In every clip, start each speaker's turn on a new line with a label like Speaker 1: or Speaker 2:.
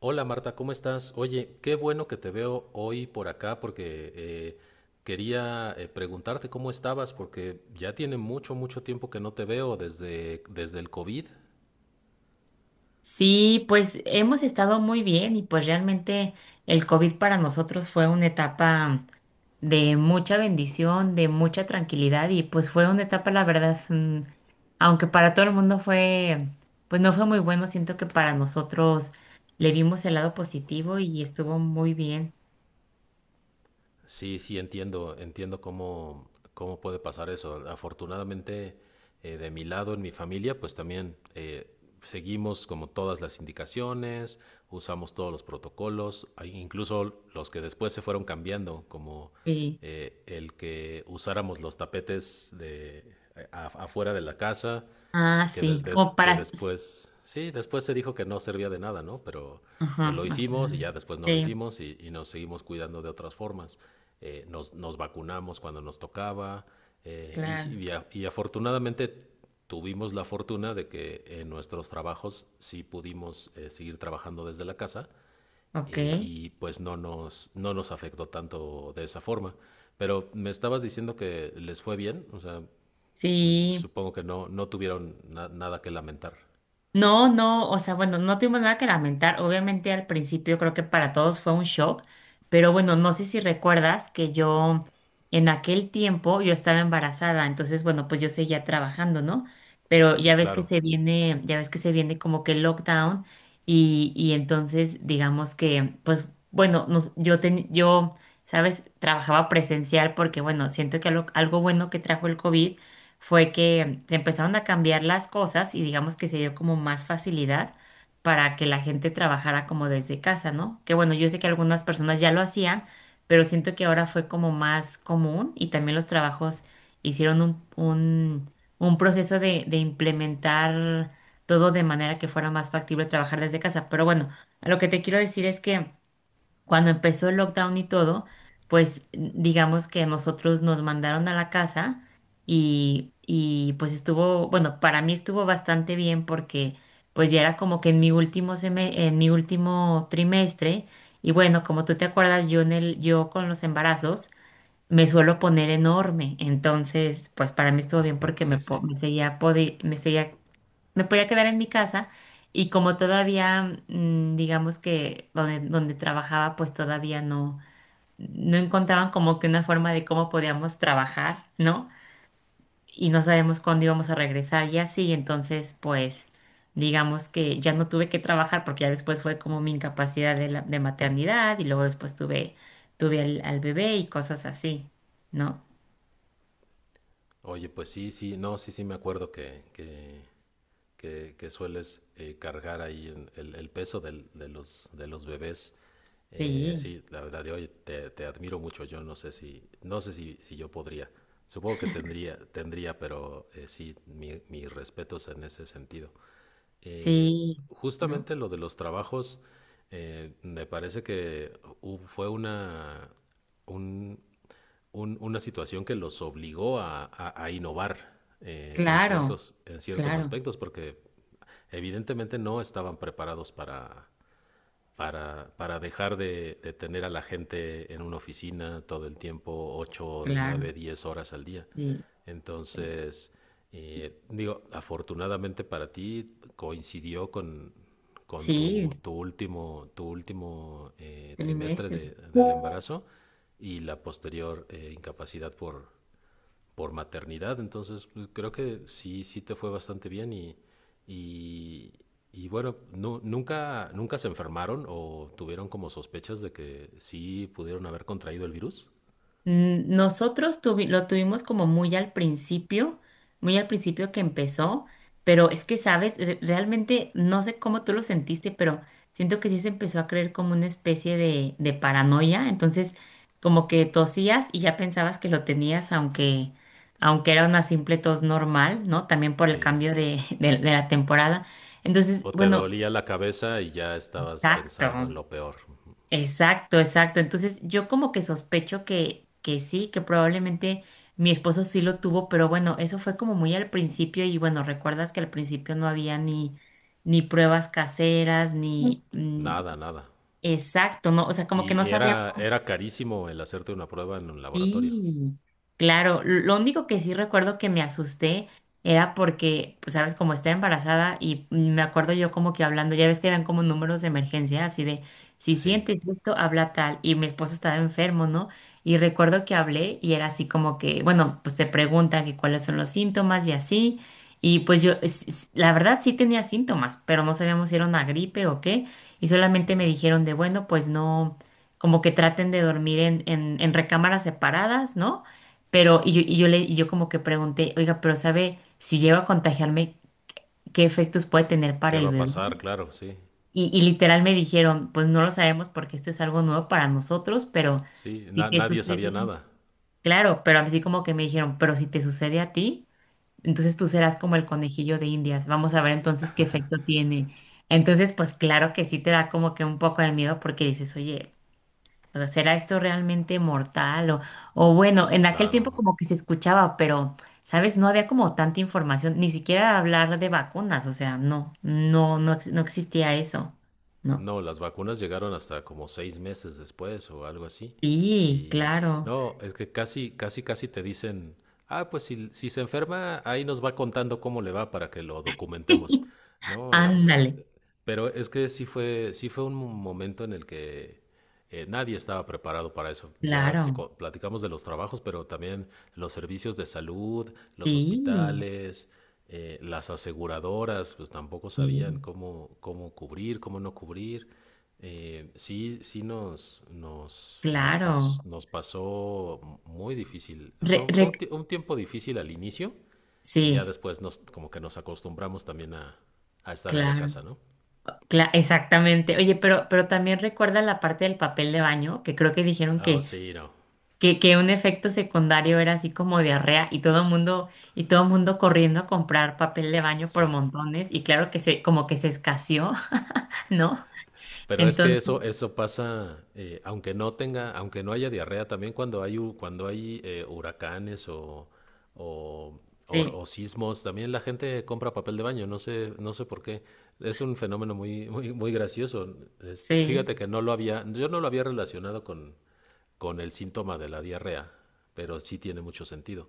Speaker 1: Hola Marta, ¿cómo estás? Oye, qué bueno que te veo hoy por acá porque quería preguntarte cómo estabas porque ya tiene mucho, mucho tiempo que no te veo desde el COVID.
Speaker 2: Sí, pues hemos estado muy bien y pues realmente el COVID para nosotros fue una etapa de mucha bendición, de mucha tranquilidad y pues fue una etapa, la verdad, aunque para todo el mundo fue, pues no fue muy bueno, siento que para nosotros le vimos el lado positivo y estuvo muy bien.
Speaker 1: Sí, sí, entiendo, entiendo cómo puede pasar eso. Afortunadamente, de mi lado, en mi familia, pues también seguimos como todas las indicaciones, usamos todos los protocolos, hay incluso los que después se fueron cambiando, como
Speaker 2: Sí.
Speaker 1: el que usáramos los tapetes afuera de la casa,
Speaker 2: Ah, sí, como
Speaker 1: que
Speaker 2: para.
Speaker 1: después, sí, después se dijo que no servía de nada, ¿no? Pero pues
Speaker 2: Ajá,
Speaker 1: lo
Speaker 2: ok.
Speaker 1: hicimos y ya después no lo
Speaker 2: Sí,
Speaker 1: hicimos y nos seguimos cuidando de otras formas. Nos vacunamos cuando nos tocaba eh, y,
Speaker 2: claro,
Speaker 1: y a- y afortunadamente tuvimos la fortuna de que en nuestros trabajos sí pudimos seguir trabajando desde la casa
Speaker 2: ok.
Speaker 1: y pues no nos afectó tanto de esa forma. Pero me estabas diciendo que les fue bien, o sea,
Speaker 2: Sí.
Speaker 1: supongo que no, no tuvieron nada que lamentar.
Speaker 2: No, no, o sea, bueno, no tuvimos nada que lamentar. Obviamente al principio creo que para todos fue un shock, pero bueno, no sé si recuerdas que yo en aquel tiempo yo estaba embarazada, entonces bueno, pues yo seguía trabajando, ¿no? Pero
Speaker 1: Sí,
Speaker 2: ya ves que
Speaker 1: claro.
Speaker 2: se viene, ya ves que se viene como que el lockdown y entonces digamos que, pues bueno, yo, ¿sabes? Trabajaba presencial porque bueno, siento que algo bueno que trajo el COVID fue que se empezaron a cambiar las cosas y digamos que se dio como más facilidad para que la gente trabajara como desde casa, ¿no? Que bueno, yo sé que algunas personas ya lo hacían, pero siento que ahora fue como más común y también los trabajos hicieron un proceso de implementar todo de manera que fuera más factible trabajar desde casa. Pero bueno, lo que te quiero decir es que cuando empezó el lockdown y todo, pues digamos que nosotros nos mandaron a la casa y pues estuvo, bueno, para mí estuvo bastante bien porque pues ya era como que en mi último en mi último trimestre y bueno, como tú te acuerdas, yo con los embarazos me suelo poner enorme, entonces pues para mí estuvo bien
Speaker 1: Mm,
Speaker 2: porque
Speaker 1: sí,
Speaker 2: me, po-
Speaker 1: sí.
Speaker 2: me seguía podi- me seguía me podía quedar en mi casa y como todavía, digamos que donde trabajaba, pues todavía no, no encontraban como que una forma de cómo podíamos trabajar, ¿no? Y no sabemos cuándo íbamos a regresar y así, entonces pues digamos que ya no tuve que trabajar porque ya después fue como mi incapacidad de maternidad y luego después tuve al bebé y cosas así, ¿no?
Speaker 1: Oye, pues sí, sí, no, sí, sí me acuerdo que sueles cargar ahí en el peso de los bebés.
Speaker 2: Sí,
Speaker 1: Sí, la verdad, de oye, te admiro mucho. Yo no sé si yo podría. Supongo que tendría, tendría, pero sí, mis respetos en ese sentido. Eh,
Speaker 2: sí, ¿no?
Speaker 1: Justamente lo de los trabajos, me parece que hu- fue una, un- un- una situación que los obligó a innovar en
Speaker 2: Claro,
Speaker 1: ciertos
Speaker 2: claro,
Speaker 1: aspectos, porque evidentemente no estaban preparados para dejar de tener a la gente en una oficina todo el tiempo, ocho nueve
Speaker 2: claro.
Speaker 1: diez horas al día.
Speaker 2: Sí.
Speaker 1: Entonces, digo, afortunadamente para ti coincidió con
Speaker 2: Sí,
Speaker 1: tu último trimestre
Speaker 2: trimestre.
Speaker 1: del embarazo y la posterior incapacidad por maternidad. Entonces, pues, creo que sí, sí te fue bastante bien y, y bueno, nunca, nunca se enfermaron o tuvieron como sospechas de que sí pudieron haber contraído el virus.
Speaker 2: Nosotros lo tuvimos como muy al principio que empezó, pero es que, sabes, realmente no sé cómo tú lo sentiste, pero siento que sí se empezó a creer como una especie de paranoia, entonces como que tosías y ya pensabas que lo tenías, aunque era una simple tos normal, ¿no? También por el
Speaker 1: Sí.
Speaker 2: cambio de, de la temporada. Entonces,
Speaker 1: O te
Speaker 2: bueno,
Speaker 1: dolía la cabeza y ya estabas pensando en
Speaker 2: exacto.
Speaker 1: lo peor.
Speaker 2: Exacto, exacto. Entonces yo como que sospecho que sí, que probablemente mi esposo sí lo tuvo, pero bueno, eso fue como muy al principio y bueno, recuerdas que al principio no había ni pruebas caseras, ni.
Speaker 1: Nada, nada.
Speaker 2: Exacto, no, o sea, como que no
Speaker 1: Y era,
Speaker 2: sabíamos.
Speaker 1: era carísimo el hacerte una prueba en un laboratorio.
Speaker 2: Sí, claro. Lo único que sí recuerdo que me asusté era porque, pues, sabes, como estaba embarazada y me acuerdo yo como que hablando, ya ves que eran como números de emergencia, así de, si
Speaker 1: Sí.
Speaker 2: sientes esto, habla tal. Y mi esposo estaba enfermo, ¿no? Y recuerdo que hablé y era así como que, bueno, pues te preguntan que cuáles son los síntomas y así. Y pues la verdad sí tenía síntomas, pero no sabíamos si era una gripe o qué. Y solamente me dijeron de, bueno, pues no como que traten de dormir en, en, recámaras separadas, ¿no? Pero, y yo como que pregunté, oiga, pero ¿sabe si llego a contagiarme, qué efectos puede tener para
Speaker 1: ¿Qué va
Speaker 2: el
Speaker 1: a
Speaker 2: bebé?
Speaker 1: pasar? Claro, sí.
Speaker 2: Y literal me dijeron, pues no lo sabemos porque esto es algo nuevo para nosotros, pero
Speaker 1: Sí.
Speaker 2: si te
Speaker 1: Nadie sabía
Speaker 2: sucede,
Speaker 1: nada.
Speaker 2: claro, pero así como que me dijeron, pero si te sucede a ti, entonces tú serás como el conejillo de Indias, vamos a ver entonces qué efecto tiene. Entonces, pues claro que sí te da como que un poco de miedo porque dices, oye, o sea, ¿será esto realmente mortal? O bueno, en aquel tiempo
Speaker 1: Claro.
Speaker 2: como que se escuchaba, pero, ¿sabes? No había como tanta información, ni siquiera hablar de vacunas, o sea, no, no, no, no existía eso. No.
Speaker 1: No, las vacunas llegaron hasta como 6 meses después o algo así.
Speaker 2: Sí,
Speaker 1: Y
Speaker 2: claro.
Speaker 1: no, es que casi, casi, casi te dicen, ah, pues si se enferma, ahí nos va contando cómo le va para que lo documentemos. No,
Speaker 2: Ándale,
Speaker 1: pero es que sí fue un momento en el que nadie estaba preparado para eso. Ya
Speaker 2: claro.
Speaker 1: platicamos de los trabajos, pero también los servicios de salud, los
Speaker 2: Sí,
Speaker 1: hospitales, las aseguradoras, pues tampoco sabían
Speaker 2: sí,
Speaker 1: cómo cubrir, cómo no cubrir. Sí, sí nos, nos, nos, pas-
Speaker 2: claro.
Speaker 1: nos pasó muy difícil. Fue,
Speaker 2: Re-
Speaker 1: un- fue
Speaker 2: re-
Speaker 1: un, ti- un tiempo difícil al inicio y ya
Speaker 2: sí,
Speaker 1: después como que nos acostumbramos también a estar en la
Speaker 2: claro.
Speaker 1: casa, ¿no?
Speaker 2: Exactamente. Oye, pero también recuerda la parte del papel de baño, que creo que dijeron
Speaker 1: Ah, oh,
Speaker 2: que
Speaker 1: sí, no.
Speaker 2: que, que un efecto secundario era así como diarrea y todo mundo, corriendo a comprar papel de baño
Speaker 1: Sí.
Speaker 2: por montones y claro que como que se escaseó, ¿no?
Speaker 1: Pero es que
Speaker 2: Entonces,
Speaker 1: eso pasa, aunque no haya diarrea, también cuando hay huracanes o, o-
Speaker 2: sí,
Speaker 1: o sismos, también la gente compra papel de baño, no sé por qué. Es un fenómeno muy, muy, muy gracioso.
Speaker 2: sí,
Speaker 1: Fíjate que yo no lo había relacionado con el síntoma de la diarrea, pero sí tiene mucho sentido.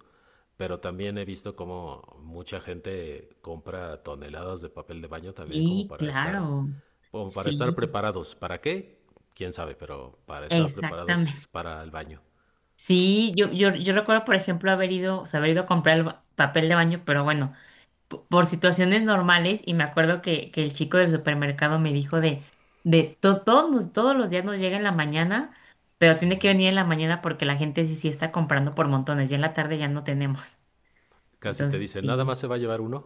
Speaker 1: Pero también he visto como mucha gente compra toneladas de papel de baño también como
Speaker 2: sí,
Speaker 1: para estar
Speaker 2: claro,
Speaker 1: o para estar
Speaker 2: sí,
Speaker 1: preparados. ¿Para qué? Quién sabe, pero para estar preparados
Speaker 2: exactamente.
Speaker 1: para el baño.
Speaker 2: Sí, yo recuerdo, por ejemplo, haber ido, o sea, haber ido a comprar el papel de baño, pero bueno. Por situaciones normales y me acuerdo que el chico del supermercado me dijo de todos los días nos llega en la mañana, pero tiene que venir en la mañana porque la gente sí, sí está comprando por montones, ya en la tarde ya no tenemos.
Speaker 1: Casi te
Speaker 2: Entonces,
Speaker 1: dicen, nada
Speaker 2: sí,
Speaker 1: más se va a llevar uno.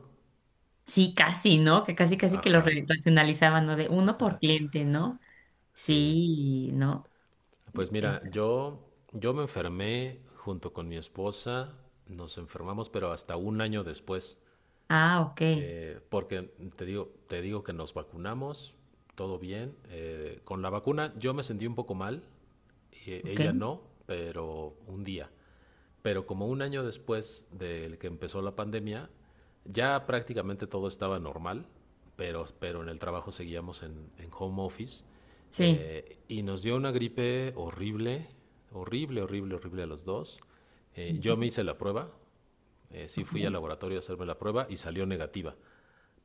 Speaker 2: sí, casi, ¿no? Que casi, casi que lo
Speaker 1: Ajá,
Speaker 2: racionalizaban, ¿no? De uno por cliente, ¿no?
Speaker 1: sí.
Speaker 2: Sí, ¿no?
Speaker 1: Pues mira,
Speaker 2: Es-
Speaker 1: yo me enfermé junto con mi esposa. Nos enfermamos, pero hasta un año después.
Speaker 2: ah, ok,
Speaker 1: Porque te digo que nos vacunamos, todo bien. Con la vacuna yo me sentí un poco mal, y ella
Speaker 2: ok,
Speaker 1: no, pero un día. Pero como un año después del que empezó la pandemia, ya prácticamente todo estaba normal, pero en el trabajo seguíamos en home office.
Speaker 2: sí.
Speaker 1: Y nos dio una gripe horrible, horrible, horrible, horrible a los dos. Yo
Speaker 2: Ujú,
Speaker 1: me hice la prueba, sí
Speaker 2: ok,
Speaker 1: fui al laboratorio a hacerme la prueba y salió negativa.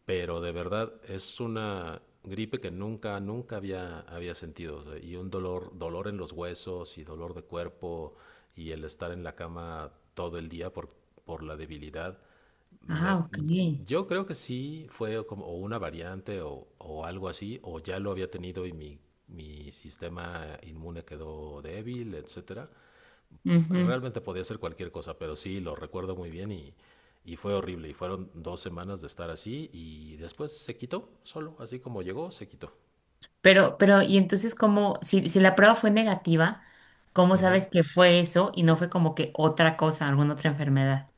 Speaker 1: Pero de verdad es una gripe que nunca, nunca había sentido, o sea, y un dolor, dolor en los huesos y dolor de cuerpo y el estar en la cama todo el día por la debilidad. Me-
Speaker 2: Ah, ok.
Speaker 1: yo creo que sí fue como o una variante o algo así, o ya lo había tenido y mi sistema inmune quedó débil, etcétera.
Speaker 2: Ujú.
Speaker 1: Realmente podía ser cualquier cosa, pero sí, lo recuerdo muy bien y fue horrible. Y fueron 2 semanas de estar así y después se quitó, solo, así como llegó, se quitó.
Speaker 2: Pero, y entonces, ¿cómo, si la prueba fue negativa, cómo
Speaker 1: Ujú.
Speaker 2: sabes que fue eso y no fue como que otra cosa, alguna otra enfermedad?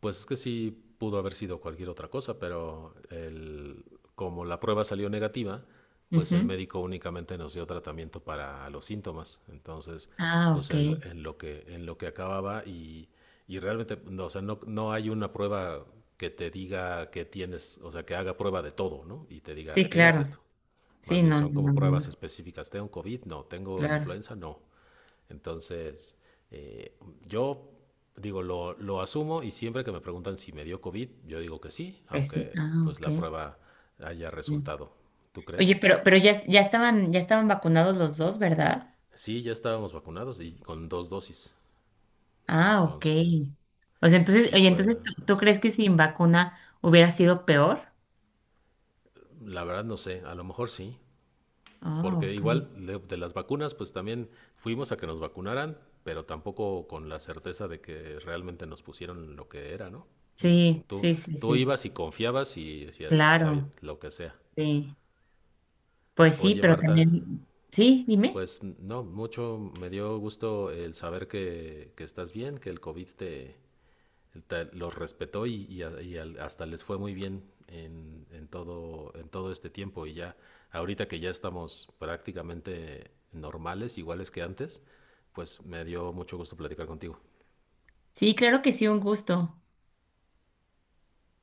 Speaker 1: Pues es que sí pudo haber sido cualquier otra cosa, pero como la prueba salió negativa, pues el
Speaker 2: Ujú.
Speaker 1: médico únicamente nos dio tratamiento para los síntomas. Entonces,
Speaker 2: Ah,
Speaker 1: pues en,
Speaker 2: ok.
Speaker 1: en lo que en lo que acababa y realmente, no, o sea, no hay una prueba que te diga que tienes, o sea, que haga prueba de todo, ¿no? Y te diga,
Speaker 2: Sí,
Speaker 1: tienes
Speaker 2: claro.
Speaker 1: esto. Más
Speaker 2: Sí,
Speaker 1: bien
Speaker 2: no, no,
Speaker 1: son como
Speaker 2: no, no,
Speaker 1: pruebas
Speaker 2: no.
Speaker 1: específicas. ¿Tengo COVID? No. ¿Tengo
Speaker 2: Claro.
Speaker 1: influenza? No. Entonces, eh, yo digo, asumo y siempre que me preguntan si me dio COVID, yo digo que sí,
Speaker 2: Pues sí.
Speaker 1: aunque
Speaker 2: Ah,
Speaker 1: pues
Speaker 2: ok.
Speaker 1: la prueba haya
Speaker 2: Sí.
Speaker 1: resultado. ¿Tú
Speaker 2: Oye,
Speaker 1: crees?
Speaker 2: pero ya estaban vacunados los dos, ¿verdad?
Speaker 1: Sí, ya estábamos vacunados y con dos dosis.
Speaker 2: Ah, ok.
Speaker 1: Entonces,
Speaker 2: O sea, entonces,
Speaker 1: sí
Speaker 2: oye,
Speaker 1: fue,
Speaker 2: entonces, ¿tú crees que sin vacuna hubiera sido peor?
Speaker 1: la verdad no sé, a lo mejor sí,
Speaker 2: Ah,
Speaker 1: porque
Speaker 2: ok.
Speaker 1: igual de las vacunas, pues también fuimos a que nos vacunaran, pero tampoco con la certeza de que realmente nos pusieron lo que era, ¿no? Mm,
Speaker 2: Sí,
Speaker 1: Tú,
Speaker 2: sí, sí,
Speaker 1: tú
Speaker 2: sí.
Speaker 1: ibas y confiabas y decías, está bien,
Speaker 2: Claro.
Speaker 1: lo que sea.
Speaker 2: Sí. Pues sí,
Speaker 1: Oye,
Speaker 2: pero
Speaker 1: Marta,
Speaker 2: también, sí, dime.
Speaker 1: pues no, mucho me dio gusto el saber que estás bien, que el COVID los respetó y hasta les fue muy bien en todo este tiempo. Y ya, ahorita que ya estamos prácticamente normales, iguales que antes, pues me dio mucho gusto platicar contigo.
Speaker 2: Sí, claro que sí, un gusto.